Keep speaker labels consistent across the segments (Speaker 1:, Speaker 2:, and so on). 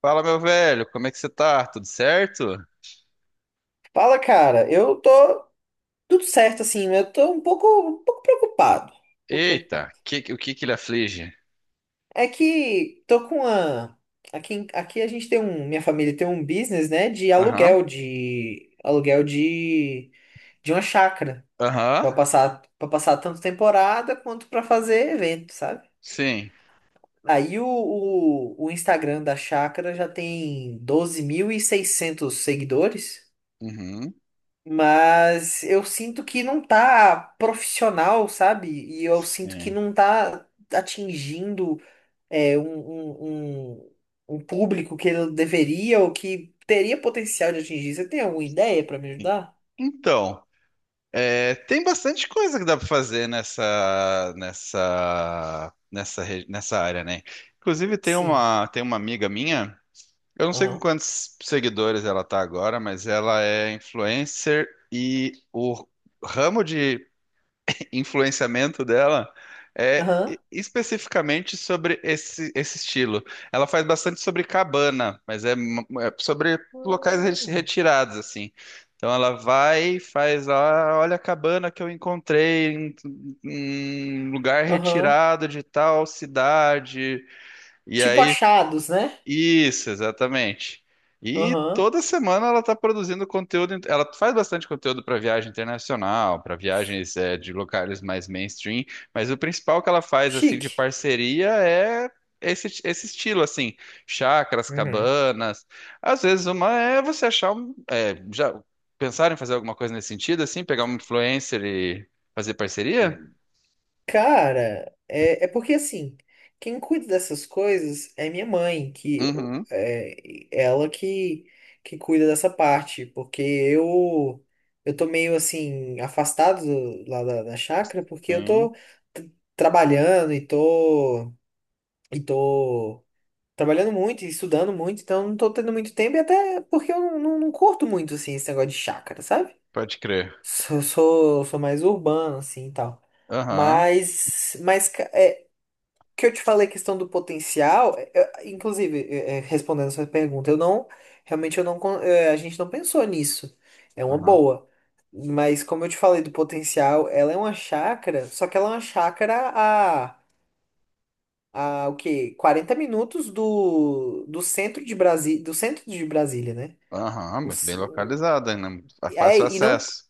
Speaker 1: Fala, meu velho, como é que você tá? Tudo certo?
Speaker 2: Fala, cara. Eu tô tudo certo, assim. Mas Eu tô um pouco preocupado. Um pouco preocupado.
Speaker 1: Eita, o que que ele aflige?
Speaker 2: É que tô com uma... Aqui, aqui a gente tem um... Minha família tem um business, né? De
Speaker 1: Aham,
Speaker 2: aluguel, de... Aluguel de... De uma chácara.
Speaker 1: aham,
Speaker 2: Pra passar tanto temporada quanto pra fazer evento, sabe?
Speaker 1: sim,
Speaker 2: Aí o Instagram da chácara já tem 12.600 seguidores.
Speaker 1: uhum,
Speaker 2: Mas eu sinto que não tá profissional, sabe? E eu sinto que
Speaker 1: sim,
Speaker 2: não tá atingindo é, um, um, um- um público que ele deveria ou que teria potencial de atingir. Você tem alguma ideia pra me
Speaker 1: sim.
Speaker 2: ajudar?
Speaker 1: Então, é, tem bastante coisa que dá pra fazer nessa área, né? Inclusive,
Speaker 2: Sim.
Speaker 1: tem uma amiga minha, eu não sei com
Speaker 2: Aham.
Speaker 1: quantos seguidores ela tá agora, mas ela é influencer e o ramo de influenciamento dela é
Speaker 2: Aham.
Speaker 1: especificamente sobre esse estilo. Ela faz bastante sobre cabana, mas é sobre locais
Speaker 2: Hum.
Speaker 1: retirados, assim. Então ela vai e faz ah olha a cabana que eu encontrei em um lugar
Speaker 2: Aham.
Speaker 1: retirado de tal cidade. E
Speaker 2: Tipo
Speaker 1: aí
Speaker 2: achados, né?
Speaker 1: isso, exatamente. E
Speaker 2: Aham.
Speaker 1: toda semana ela está produzindo conteúdo. Ela faz bastante conteúdo para viagem internacional, para viagens eh, de locais mais mainstream. Mas o principal que ela faz assim de
Speaker 2: Chique.
Speaker 1: parceria é esse estilo assim, chácaras,
Speaker 2: Uhum.
Speaker 1: cabanas. Às vezes uma é você achar um, eh, já pensaram em fazer alguma coisa nesse sentido assim, pegar um influencer e fazer parceria?
Speaker 2: Cara, é porque assim, quem cuida dessas coisas é minha mãe, que
Speaker 1: Uhum.
Speaker 2: é ela que cuida dessa parte, porque eu tô meio assim afastado lá da, da chácara, porque eu
Speaker 1: Sim,
Speaker 2: tô t- trabalhando e tô trabalhando muito e estudando muito, então não tô tendo muito tempo e até porque eu não curto muito assim esse negócio de chácara, sabe?
Speaker 1: pode crer.
Speaker 2: Sou mais urbano assim e tal.
Speaker 1: Aham,
Speaker 2: Mas, mas ca- é, que eu te falei, a questão do potencial, inclusive, respondendo essa pergunta, eu não, realmente eu não, con- é, a gente não pensou nisso. É uma
Speaker 1: aham.
Speaker 2: boa. Mas como eu te falei do potencial, ela é uma chácara, só que ela é uma chácara a o quê? 40 minutos do, do centro de Brasília, do centro de Brasília, né?
Speaker 1: Aham,
Speaker 2: O
Speaker 1: muito bem
Speaker 2: c-
Speaker 1: localizada, né? Muito
Speaker 2: é,
Speaker 1: fácil
Speaker 2: e não,
Speaker 1: acesso.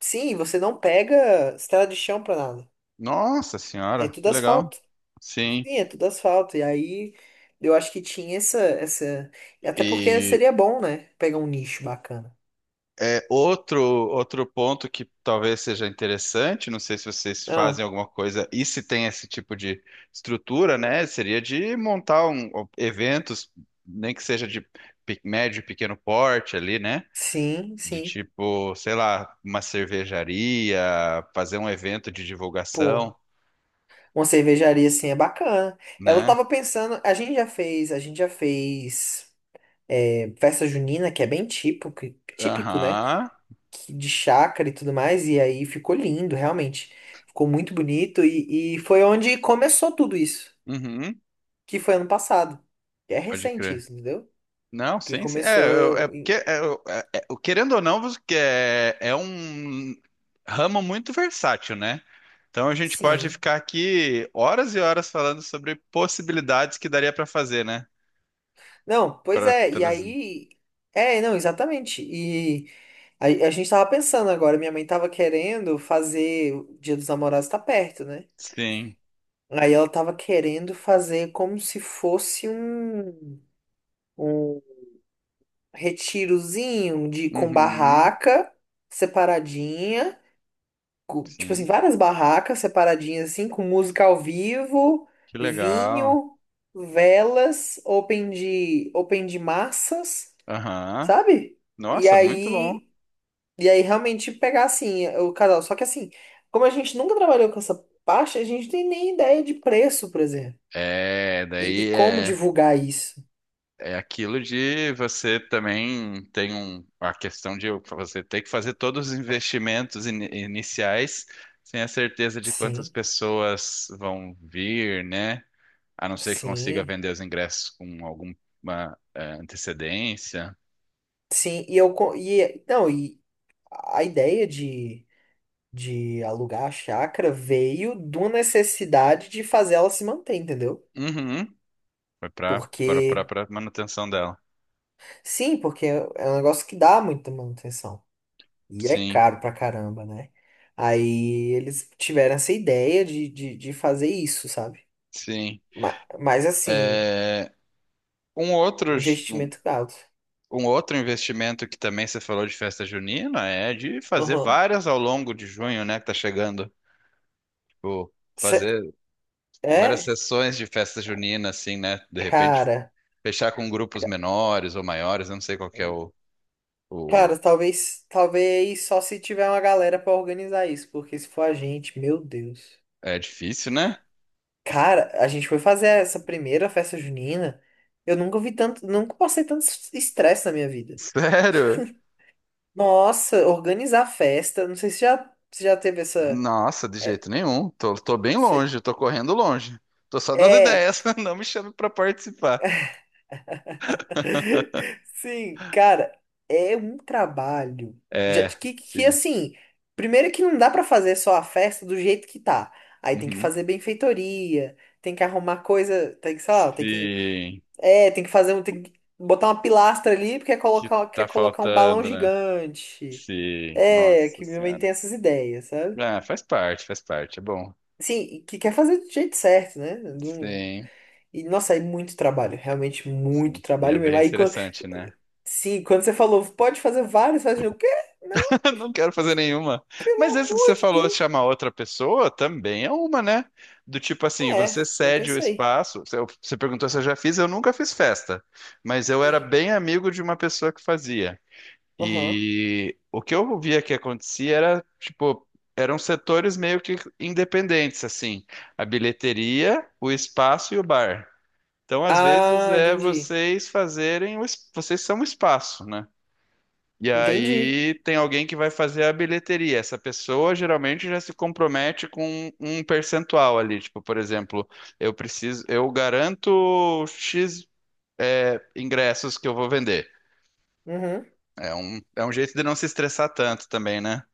Speaker 2: sim, você não pega estrada de chão pra nada.
Speaker 1: Nossa
Speaker 2: É
Speaker 1: senhora, que
Speaker 2: tudo
Speaker 1: legal.
Speaker 2: asfalto.
Speaker 1: Sim.
Speaker 2: Sim, é tudo asfalto. E aí eu acho que tinha essa. Até porque
Speaker 1: E
Speaker 2: seria bom, né? Pegar um nicho bacana.
Speaker 1: é outro ponto que talvez seja interessante, não sei se vocês fazem
Speaker 2: Ah,
Speaker 1: alguma coisa e se tem esse tipo de estrutura, né? Seria de montar um, eventos, nem que seja de médio e pequeno porte ali, né?
Speaker 2: sim,
Speaker 1: De
Speaker 2: sim.
Speaker 1: tipo, sei lá, uma cervejaria, fazer um evento de divulgação,
Speaker 2: Pô, uma cervejaria assim é bacana. Ela
Speaker 1: né?
Speaker 2: tava pensando, a gente já fez festa junina, que é bem típico, típico, né?
Speaker 1: Aham.
Speaker 2: De chácara e tudo mais. E aí ficou lindo, realmente. Ficou muito bonito. E foi onde começou tudo isso,
Speaker 1: Uhum.
Speaker 2: que foi ano passado. É
Speaker 1: Pode
Speaker 2: recente
Speaker 1: crer.
Speaker 2: isso, entendeu?
Speaker 1: Não,
Speaker 2: Que
Speaker 1: sim, sim. É, eu- é
Speaker 2: começou.
Speaker 1: porque, é, eu- é- é- o- Querendo ou não, você que é, é um ramo muito versátil, né? Então a gente pode
Speaker 2: Sim.
Speaker 1: ficar aqui horas e horas falando sobre possibilidades que daria para fazer, né?
Speaker 2: Não, pois
Speaker 1: Para
Speaker 2: é, e
Speaker 1: trazer.
Speaker 2: aí. É, não, exatamente. E a gente tava pensando agora, minha mãe tava querendo fazer. O Dia dos Namorados tá perto, né?
Speaker 1: Sim.
Speaker 2: Aí ela tava querendo fazer como se fosse um, um retirozinho de, com
Speaker 1: Uhum.
Speaker 2: barraca separadinha, tipo assim,
Speaker 1: Sim.
Speaker 2: várias barracas separadinhas assim, com música ao vivo,
Speaker 1: Que legal.
Speaker 2: vinho, velas, open de massas.
Speaker 1: Aham.
Speaker 2: Sabe? E
Speaker 1: Nossa, muito bom.
Speaker 2: aí, e aí realmente pegar assim o casal. Só que assim, como a gente nunca trabalhou com essa parte, a gente não tem nem ideia de preço, por exemplo.
Speaker 1: É,
Speaker 2: E
Speaker 1: daí
Speaker 2: como
Speaker 1: é.
Speaker 2: divulgar isso?
Speaker 1: É aquilo de você também tem um, a questão de você ter que fazer todos os investimentos iniciais sem a certeza de quantas
Speaker 2: Sim,
Speaker 1: pessoas vão vir, né? A não ser que consiga
Speaker 2: sim,
Speaker 1: vender os ingressos com alguma eh, antecedência.
Speaker 2: sim. E eu co- e não, e a ideia de alugar a chácara veio de uma necessidade de fazer ela se manter, entendeu?
Speaker 1: Uhum. Foi para
Speaker 2: Porque
Speaker 1: manutenção dela.
Speaker 2: sim, porque é um negócio que dá muita manutenção. E é
Speaker 1: Sim,
Speaker 2: caro pra caramba, né? Aí eles tiveram essa ideia de fazer isso, sabe?
Speaker 1: sim.
Speaker 2: Mas, mas assim,
Speaker 1: É, um outro
Speaker 2: investimento alto.
Speaker 1: um outro investimento que também você falou de festa junina é de fazer
Speaker 2: Aham.
Speaker 1: várias ao longo de junho, né, que tá chegando. Tipo,
Speaker 2: Cê-
Speaker 1: fazer várias
Speaker 2: É,
Speaker 1: sessões de festa junina, assim, né? De repente,
Speaker 2: cara.
Speaker 1: fechar com grupos menores ou maiores, eu não sei qual que é o...
Speaker 2: Cara, talvez só se tiver uma galera pra organizar isso, porque se for a gente, meu Deus.
Speaker 1: É difícil, né?
Speaker 2: Cara, a gente foi fazer essa primeira festa junina, eu nunca vi tanto, nunca passei tanto estresse na minha vida.
Speaker 1: Sério?
Speaker 2: Nossa, organizar festa, não sei se já, se já teve essa
Speaker 1: Nossa, de
Speaker 2: é,
Speaker 1: jeito nenhum. Tô, tô bem
Speaker 2: Cê-
Speaker 1: longe, tô correndo longe. Tô só dando
Speaker 2: É,
Speaker 1: ideias, não me chame pra participar.
Speaker 2: sim, cara, é um trabalho. Já,
Speaker 1: É,
Speaker 2: que
Speaker 1: sim.
Speaker 2: assim, primeiro que não dá pra fazer só a festa do jeito que tá. Aí tem que
Speaker 1: Uhum.
Speaker 2: fazer benfeitoria, tem que arrumar coisa, tem que, sei lá, tem que,
Speaker 1: Sim.
Speaker 2: é, tem que fazer um, tem que botar uma pilastra ali porque
Speaker 1: Que
Speaker 2: quer
Speaker 1: tá
Speaker 2: colocar um balão
Speaker 1: faltando, né?
Speaker 2: gigante.
Speaker 1: Sim.
Speaker 2: É,
Speaker 1: Nossa
Speaker 2: que minha mãe tem
Speaker 1: senhora.
Speaker 2: essas ideias, sabe?
Speaker 1: Ah, faz parte, é bom.
Speaker 2: Sim, e que quer fazer do jeito certo, né?
Speaker 1: Sim,
Speaker 2: E, nossa, é muito trabalho, realmente muito
Speaker 1: sim. E é
Speaker 2: trabalho mesmo.
Speaker 1: bem
Speaker 2: Aí,
Speaker 1: estressante, né?
Speaker 2: sim, quando você falou, pode fazer vários, fazer o quê? Meu
Speaker 1: Eu não quero fazer nenhuma. Mas esse que você
Speaker 2: amor de
Speaker 1: falou, de
Speaker 2: Deus.
Speaker 1: chamar outra pessoa, também é uma, né? Do tipo assim,
Speaker 2: É,
Speaker 1: você
Speaker 2: eu
Speaker 1: cede o
Speaker 2: pensei.
Speaker 1: espaço. Você perguntou se eu já fiz, eu nunca fiz festa. Mas eu era
Speaker 2: Sim.
Speaker 1: bem amigo de uma pessoa que fazia.
Speaker 2: Aham.
Speaker 1: E o que eu via que acontecia era, tipo, eram setores meio que independentes, assim. A bilheteria, o espaço e o bar. Então, às vezes,
Speaker 2: Ah,
Speaker 1: é
Speaker 2: entendi.
Speaker 1: vocês fazerem, vocês são o espaço, né? E
Speaker 2: Entendi.
Speaker 1: aí tem alguém que vai fazer a bilheteria. Essa pessoa geralmente já se compromete com um percentual ali. Tipo, por exemplo, eu preciso, eu garanto X, é, ingressos que eu vou vender.
Speaker 2: Uhum.
Speaker 1: É um jeito de não se estressar tanto também, né?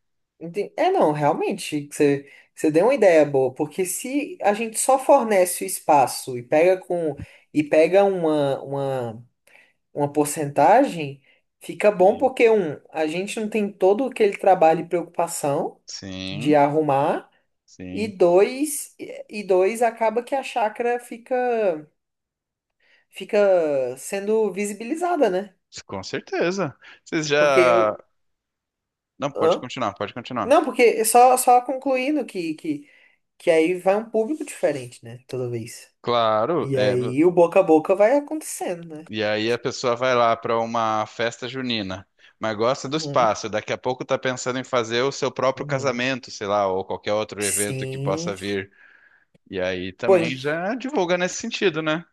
Speaker 2: É, não, realmente, você deu uma ideia boa, porque se a gente só fornece o espaço e pega uma porcentagem, fica bom
Speaker 1: Sim.
Speaker 2: porque um, a gente não tem todo aquele trabalho e preocupação de
Speaker 1: Sim,
Speaker 2: arrumar. E
Speaker 1: sim,
Speaker 2: dois, e dois acaba que a chácara fica sendo visibilizada, né?
Speaker 1: com certeza. Vocês
Speaker 2: Porque
Speaker 1: já. Não, pode
Speaker 2: hã?
Speaker 1: continuar, pode continuar.
Speaker 2: Não, porque só concluindo que aí vai um público diferente, né? Toda vez.
Speaker 1: Claro,
Speaker 2: E
Speaker 1: é,
Speaker 2: aí o boca a boca vai acontecendo, né?
Speaker 1: e aí a pessoa vai lá para uma festa junina, mas gosta do
Speaker 2: Uhum,
Speaker 1: espaço. Daqui a pouco tá pensando em fazer o seu próprio
Speaker 2: uhum.
Speaker 1: casamento, sei lá, ou qualquer outro evento que possa
Speaker 2: Sim.
Speaker 1: vir. E aí
Speaker 2: Pô,
Speaker 1: também
Speaker 2: in-
Speaker 1: já divulga nesse sentido, né?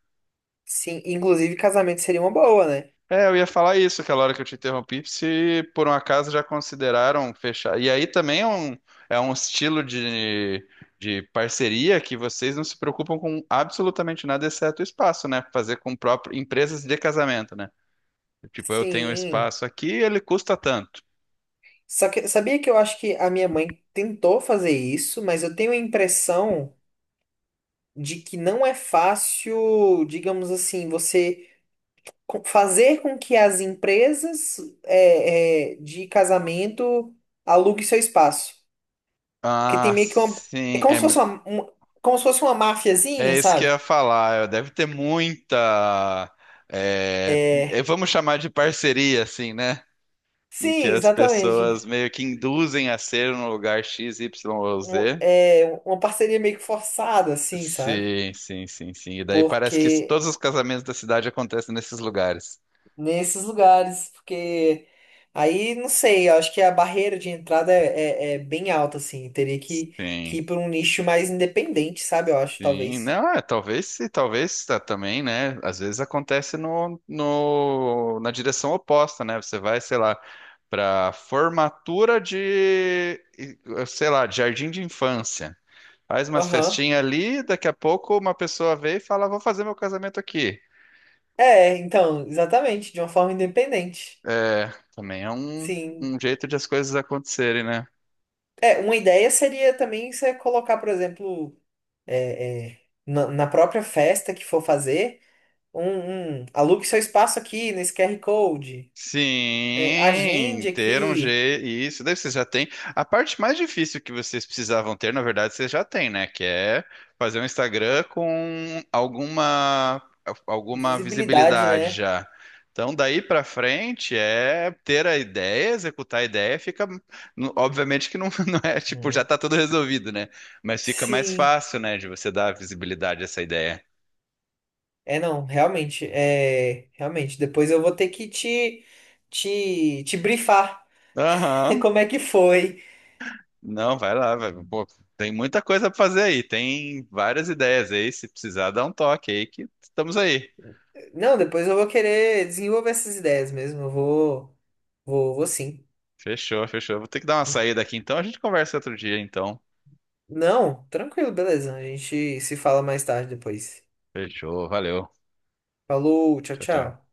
Speaker 2: sim, inclusive casamento seria uma boa, né?
Speaker 1: É, eu ia falar isso aquela hora que eu te interrompi, se por um acaso já consideraram fechar. E aí também é um estilo de parceria que vocês não se preocupam com absolutamente nada, exceto o espaço, né? Fazer com próprio, empresas de casamento, né? Tipo, eu tenho um
Speaker 2: Sim.
Speaker 1: espaço aqui, ele custa tanto.
Speaker 2: Só que sabia que eu acho que a minha mãe tentou fazer isso, mas eu tenho a impressão de que não é fácil, digamos assim, você fazer com que as empresas de casamento aluguem seu espaço. Porque tem
Speaker 1: Ah,
Speaker 2: meio que uma. É
Speaker 1: sim,
Speaker 2: como
Speaker 1: é,
Speaker 2: se fosse uma, um- como se fosse uma máfiazinha,
Speaker 1: é isso que eu
Speaker 2: sabe?
Speaker 1: ia falar. Deve ter muita,
Speaker 2: É.
Speaker 1: vamos chamar de parceria, assim, né? Em que
Speaker 2: Sim,
Speaker 1: as
Speaker 2: exatamente.
Speaker 1: pessoas meio que induzem a ser no lugar X, Y ou Z.
Speaker 2: Uma parceria meio que forçada, assim, sabe?
Speaker 1: Sim, sim, sim, sim. E daí parece que
Speaker 2: Porque
Speaker 1: todos os casamentos da cidade acontecem nesses lugares.
Speaker 2: nesses lugares, porque aí não sei, eu acho que a barreira de entrada é bem alta, assim, que
Speaker 1: Sim.
Speaker 2: ir para um nicho mais independente, sabe? Eu acho,
Speaker 1: Sim,
Speaker 2: talvez.
Speaker 1: não, é, talvez, talvez tá, também, né? Às vezes acontece no, no, na direção oposta, né? Você vai, sei lá, para formatura de, sei lá, de jardim de infância. Faz umas
Speaker 2: Aham.
Speaker 1: festinhas ali, daqui a pouco uma pessoa vê e fala, vou fazer meu casamento aqui.
Speaker 2: É, então, exatamente, de uma forma independente.
Speaker 1: É, também é
Speaker 2: Sim.
Speaker 1: um jeito de as coisas acontecerem, né?
Speaker 2: É, uma ideia seria também você colocar, por exemplo, na própria festa que for fazer, um alugue seu espaço aqui nesse QR Code, é,
Speaker 1: Sim,
Speaker 2: agende
Speaker 1: ter um G,
Speaker 2: aqui,
Speaker 1: isso, daí você já tem. A parte mais difícil que vocês precisavam ter, na verdade, vocês já têm, né? Que é fazer um Instagram com alguma
Speaker 2: visibilidade,
Speaker 1: visibilidade
Speaker 2: né?
Speaker 1: já. Então, daí pra frente é ter a ideia, executar a ideia, fica. Obviamente que não, não é tipo, já
Speaker 2: Uhum.
Speaker 1: tá tudo resolvido, né? Mas fica mais
Speaker 2: Sim.
Speaker 1: fácil, né, de você dar visibilidade a essa ideia.
Speaker 2: É, não, realmente, é, realmente, depois eu vou ter que te brifar
Speaker 1: Aham.
Speaker 2: como é que foi.
Speaker 1: Não, vai lá, vai. Pô, tem muita coisa pra fazer aí. Tem várias ideias aí. Se precisar, dá um toque aí que estamos aí.
Speaker 2: Não, depois eu vou querer desenvolver essas ideias mesmo, vou sim.
Speaker 1: Fechou, fechou. Vou ter que dar uma saída aqui então. A gente conversa outro dia então.
Speaker 2: Não, tranquilo, beleza, a gente se fala mais tarde depois.
Speaker 1: Fechou, valeu.
Speaker 2: Falou, tchau,
Speaker 1: Tchau, tchau.
Speaker 2: tchau.